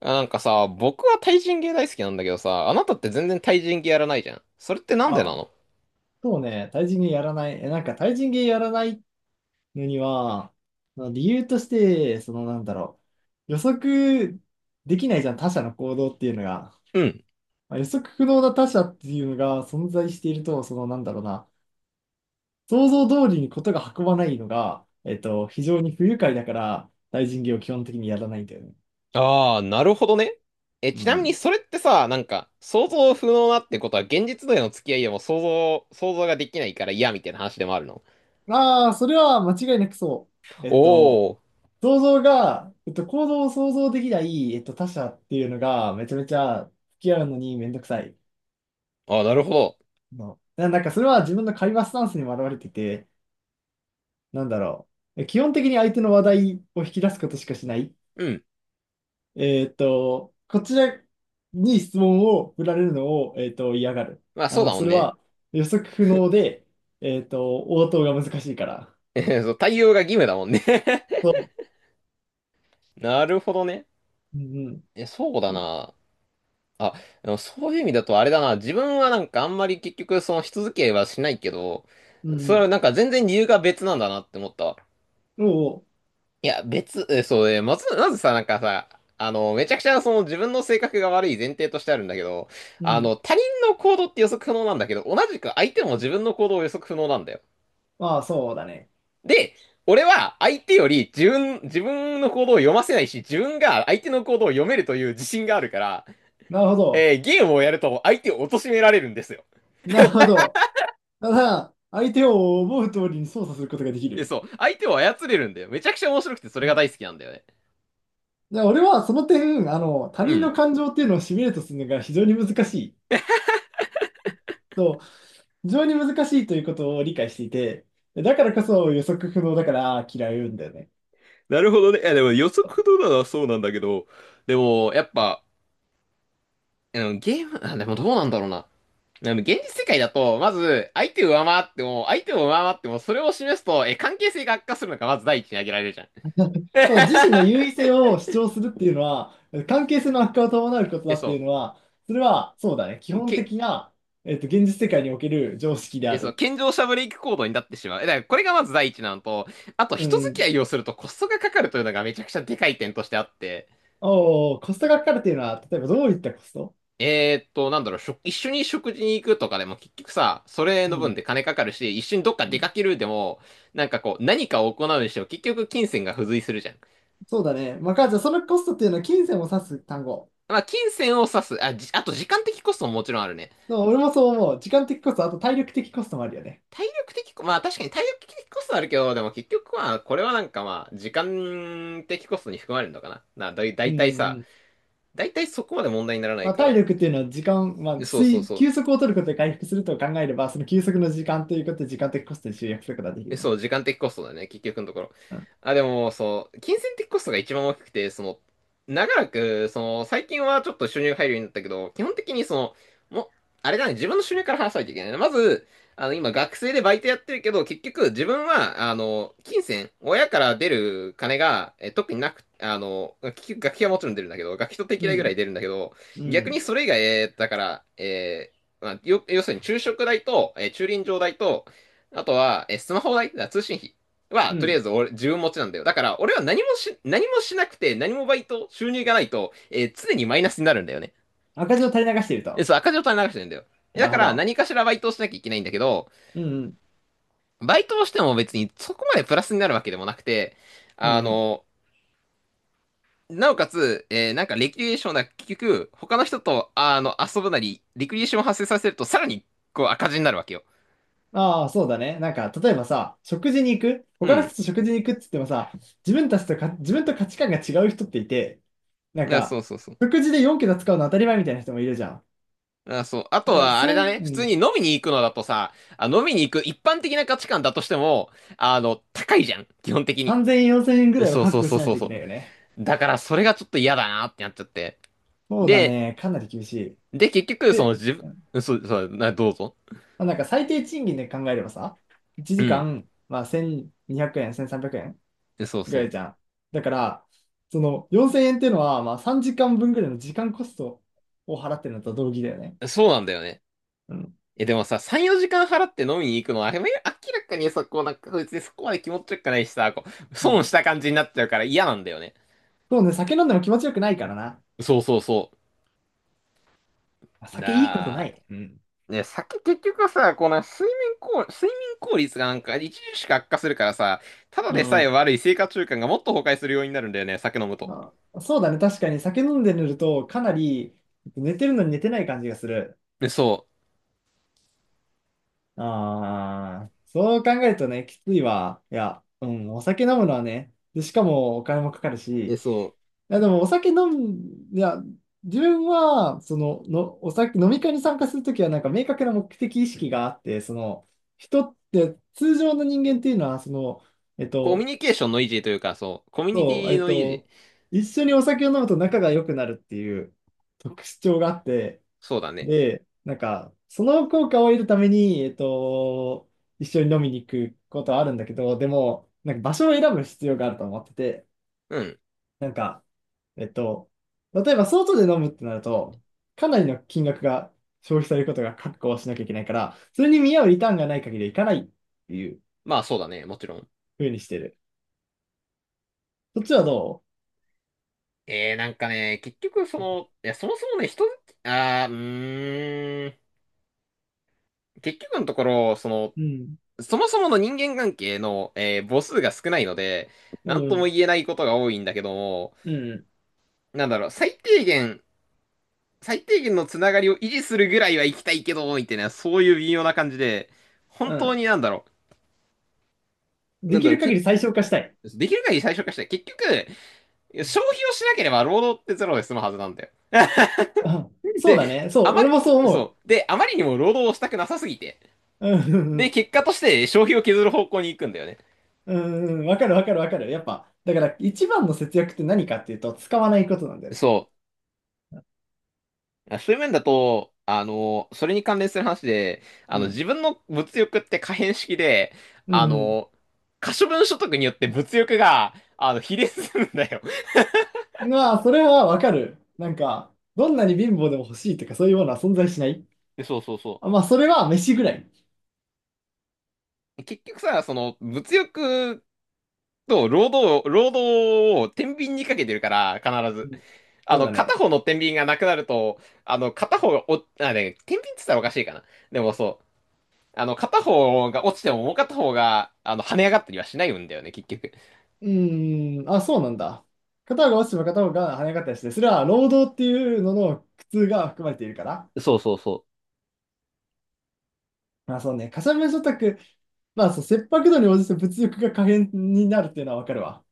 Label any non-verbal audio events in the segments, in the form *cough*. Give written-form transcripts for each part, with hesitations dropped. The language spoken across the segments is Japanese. あなんかさ、僕は対人芸大好きなんだけどさ、あなたって全然対人芸やらないじゃん。それってなんでなあ、の？そうね、対人芸やらない。なんか対人芸やらないのには、まあ理由として、予測できないじゃん、他者の行動っていうのが。うん。まあ予測不能な他者っていうのが存在していると、そのなんだろうな、想像通りにことが運ばないのが、非常に不愉快だから、対人芸を基本的にやらないんだよね。ああ、なるほどね。え、うちなみにん。それってさ、なんか、想像不能なってことは現実での付き合いでも想像ができないから嫌みたいな話でもあるの？ああ、それは間違いなくそう。おー。想像が、行動を想像できない、他者っていうのが、めちゃめちゃ付き合うのにめんどくさいああ、なるほど。の。なんか、それは自分の会話スタンスにも表れてて、なんだろ基本的に相手の話題を引き出すことしかしない。うん。こちらに質問を振られるのを、嫌がる。まあそうだもそんれね。は予測不能で、応答が難しいから。*laughs* そう対応が義務だもんね。 そ *laughs* なるほどね。う。うんうん。え、そうだな。あ、でもそういう意味だとあれだな。自分はなんかあんまり結局そのし続けはしないけど、うそれんはなんか全然理由が別なんだなって思ったわ。うん。おうおいや、別、え、そうね、まずさ、なんかさ、あの、めちゃくちゃその自分の性格が悪い前提としてあるんだけど、う。うあん。の、他人の行動って予測不能なんだけど、同じく相手も自分の行動を予測不能なんだよ。ああ、そうだね。で、俺は相手より自分の行動を読ませないし、自分が相手の行動を読めるという自信があるから、なるほど。ゲームをやると相手を貶められるんですよ。なるほど。ただ、相手を思う通りに操作することができで、る。そう。相手を操れるんだよ。めちゃくちゃ面白くて、それが大好きなんだよね。で、俺はその点、他う人のん。感情っていうのをシミュレートするのが非常に難しい。そう、非常に難しいということを理解していて、だからこそ予測不能だから嫌いうんだよね。なるほどね。いや、でも予測不能なのはそうなんだけど、でも、やっぱ、うん、ゲーム、あ、でもどうなんだろうな。でも現実世界だと、まず、相手を上回っても、それを示すと、え、関係性が悪化するのがまず第一に挙げられるじゃん。ただ *laughs* 自身の優位性を主張するっていうのは、関係性の悪化を伴うことだえ、っていうそのは、それはそうだね。基う。本け、的な、現実世界における常識であえ、そう、る。健常者ブレイク行動になってしまう。え、だからこれがまず第一なのと、あとう人付き合ん。いをするとコストがかかるというのがめちゃくちゃでかい点としてあって、おーコストがかかるっていうのは、例えばどういったコスト？なんだろう、食一緒に食事に行くとかでも結局さ、それうの分ん。で金かかるし、一緒にどっか出かけるでも、なんかこう、何かを行うにしても結局金銭が付随するじゃん。そうだね。まあ、じゃあそのコストっていうのは金銭を指す単語。まあ、金銭を指す、あ、じ、あと時間的コストももちろんあるね。でも俺もそう思う。時間的コスト、あと体力的コストもあるよね。体力的コ、まあ確かに体力的コストあるけど、でも結局まあ、これはなんかまあ、時間的コストに含まれるのかな。な、だい、だうんういたいんうさ、ん。だいたいそこまで問題にならなまいあ、か体ら。力っていうのは時間、まであ、そうそう水、そう。休息を取ることで回復すると考えれば、その休息の時間ということで時間的コストに集約することができえ、るね。そう、時間的コストだね、結局のところ。うん。あ、でも、そう、金銭的コストが一番大きくて、その、長らく、その、最近はちょっと収入入るようになったけど、基本的にその、もう、あれだね、自分の収入から話さないといけないね。まず、あの、今、学生でバイトやってるけど、結局、自分は、あの、金銭、親から出る金が、え、特になく、あの、結局、学費はもちろん出るんだけど、学費と定う期代ぐらいん。出るんだけど、う逆にん。それ以外、だから、まあ、よ、要するに昼食代と、駐輪場代と、あとは、え、スマホ代、通信費うは、とりあん。えず俺、自分持ちなんだよ。だから、俺は何もし、何もしなくて、何もバイト、収入がないと、常にマイナスになるんだよね。赤字を垂れ流しているえ、と。そう、赤字を垂れ流してるんだよ。えなだるかほら、ど。何かしらバイトをしなきゃいけないんだけど、うんうん。バイトをしても別にそこまでプラスになるわけでもなくて、うあん。の、なおかつ、なんかレクリエーションな、結局、他の人と、あの、遊ぶなり、レクリエーションを発生させると、さらに、こう、赤字になるわけよ。ああ、そうだね。なんか、例えばさ、食事に行くう他の人ん。と食事に行くって言ってもさ、自分たちとか、自分と価値観が違う人っていて、なんだからそか、うそうそう。食事で4桁使うの当たり前みたいな人もいるじゃん。あ、そう。あとだからは、あれそうだいう、ね。う普通ん、に飲みに行くのだとさ、あ、飲みに行く一般的な価値観だとしても、あの、高いじゃん。基本的に。3000円、4000円ぐらいはそう覚そう悟そしうないそうといけなそいよね。う。だから、それがちょっと嫌だなってなっちゃって。そうだで、ね。かなり厳しい。で、結局、そで、の自うん、分、そう、そう、な、どうぞ。まあ、なんか最低賃金で考えればさ、1う時ん。間、まあ、1200円、1300円そうぐらいそじゃん。だから、その4000円っていうのは、まあ、3時間分ぐらいの時間コストを払ってるのと同義だよね。う。そうなんだよね。うん。え、でもさ、3、4時間払って飲みに行くのは、あれ明らかにさ、こう、なんか、別にそこまで気持ちよくないしさ、こう、う損しん。た感じになっちゃうから嫌なんだよね。そうね、酒飲んでも気持ちよくないからな。そうそうそあ、う。酒いいことななあ。い。うん。ね、酒結局さ、この睡眠効率がなんか著しく悪化するからさ、ただうでさえん。悪い生活習慣がもっと崩壊するようになるんだよね、酒飲むと。あ、そうだね、確かに酒飲んで寝ると、かなり寝てるのに寝てない感じがする。え、そああ、そう考えるとね、きついわ。いや、うん、お酒飲むのはね、で、しかもお金もかかるし、う。え、いそう。や、でもお酒飲む、いや、自分は、その、お酒、飲み会に参加するときは、なんか明確な目的意識があって、その、人って、通常の人間っていうのは、その、えっコミュと、ニケーションの維持というか、そう。コミュニテそう、ィの維持。一緒にお酒を飲むと仲が良くなるっていう特徴があって、そうだね。で、なんか、その効果を得るために、一緒に飲みに行くことはあるんだけど、でも、なんか場所を選ぶ必要があると思ってて、うん。なんか、えっと、例えば外で飲むってなると、かなりの金額が消費されることが確保しなきゃいけないから、それに見合うリターンがない限り行かないっていうまあそうだね、もちろん。風にしてる。そっちはどなんかね、結局その、いや、そもそもね、人、あー、うーん。結局のところ、その、う？うん。そもそもの人間関係の、母数が少ないので、うなんともん。言えないことが多いんだけども、うん。なんだろう、最低限のつながりを維持するぐらいは行きたいけど、みたいな、そういう微妙な感じで、う本当ん。になんだろう、でなんきだろるう、限け、り最小化したい。できる限り最小化したい。結局、消費をしなければ労働ってゼロで済むはずなんだよ。あ、*laughs* そうで、だね。そあう、ま俺り、もそう思そう。で、あまりにも労働をしたくなさすぎて。う。うん、うで、ん、結果として消費を削る方向に行くんだよね。うんうん、わかるわかるわかる。やっぱ、だから一番の節約って何かっていうと、使わないことなんだよね。そう。あそういう面だと、あの、それに関連する話で、あうの、ん。自分の物欲って可変式で、うあんの、可処分所得によって物欲が、あの、比例するんだよ。うん。まあ、それはわかる。なんか、どんなに貧乏でも欲しいとか、そういうものは存在しない。でそうそうそあ、まあ、それは飯ぐらい。う。結局さ、その、物欲と労働を天秤にかけてるから、必うず。ん。あそうの、だ片ね。方の天秤がなくなると、あの、片方がお、あ、ね、天秤って言ったらおかしいかな。でもそう。あの、片方が落ちてももう片方が、あの、跳ね上がったりはしないんだよね、結局。うーん、あ、そうなんだ。片方が落ちても片方が跳ね上がったりして、それは労働っていうのの苦痛が含まれているから。そうそうそう。まあそうね、かさ増しオタク、まあそう、切迫度に応じて物欲が可変になるっていうのはわかるわ。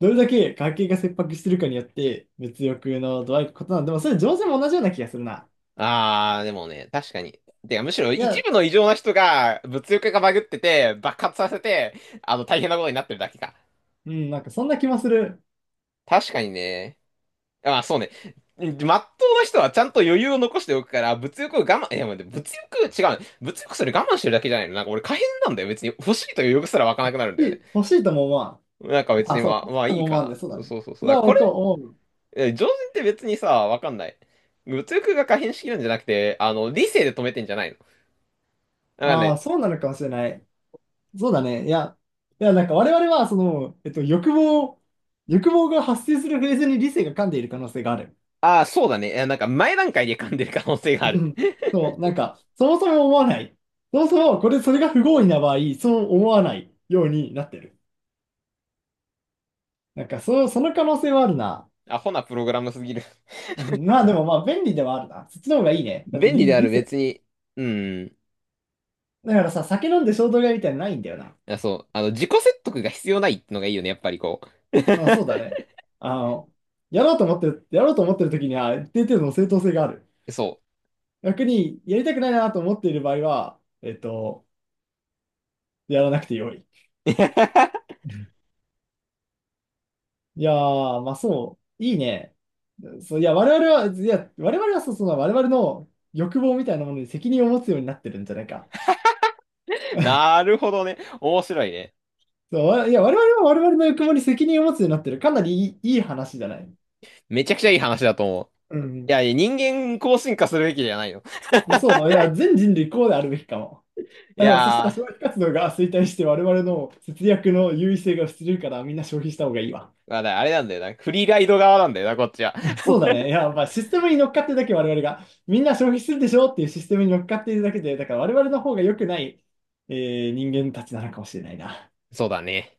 どれだけ家計が切迫してるかによって、物欲の度合いが異なる。でもそれ上手も同じような気がするな。あーでもね、確かに。てか、むしろい一や、部の異常な人が物欲がバグってて、爆発させて、あの、大変なことになってるだけか。うん、なんかそんな気もする。確かにね。あ、そうね。まっとうな人はちゃんと余裕を残しておくから、物欲を我慢、いや、待って物欲、違うね。物欲それ我慢してるだけじゃないの。なんか俺可変なんだよ。別に欲しいという欲すら湧かなくなるんだよね。欲しいとも思わん。なんか別あ、にそう、まあ、欲しまいあといいも思かわんで、そうだな。ね。そうそうそそう。れだからはこ僕はれ、思う。え常人って別にさ、わかんない。物欲が可変しきるんじゃなくて、あの、理性で止めてんじゃないの。だからああ、ねそうなのかもしれない。そうだね。いや、いや、なんか我々は、その、欲望が発生するフェーズに理性が噛んでいる可能性がある。ああ、そうだね。えなんか前段階で噛んでる可能性がうある。ん。 *laughs* そう、なんか、そもそも思わない。そもそも、それが不合意な場合、そう思わないようになってる。なんか、その可能性はあるな。アホなプログラムすぎる。うん、まあ、でも、まあ、便利ではあるな。そっちの方がいい *laughs* ね。だって、便利理、であ理る、性。別に。うん。だからさ、酒飲んで衝動買いみたいなのないんだよな。あ、そう。あの、自己説得が必要ないのがいいよね、やっぱりこまあ、そうだね。あの、やろうと思ってる時には、ある程度の正当性がある。う。*laughs* そ逆に、やりたくないなと思っている場合は、やらなくてよい。う。*laughs* いやー、まあそう、いいね。そう、いや、我々は、いや、我々はそう、その我々の欲望みたいなものに責任を持つようになってるんじゃないか。なるほどね。面白いね。そう、いや、我々は我々の欲望に責任を持つようになってる。かなりいい話じゃない。めちゃくちゃいい話だと思う。ういん。や、いや人間こう進化するべきじゃないの。そう、いや、全人類こうであるべきかも。いあでも、そしたやら消ー、費活動が衰退して我々の節約の優位性が失せるからみんな消費した方がいいわ。まあだあれなんだよな。フリーライド側なんだよな、こっちは。*laughs* そうだね。*laughs* いや、まあ、システムに乗っかってるだけ我々が、みんな消費するでしょっていうシステムに乗っかっているだけで、だから我々の方が良くない、人間たちなのかもしれないな。そうだね。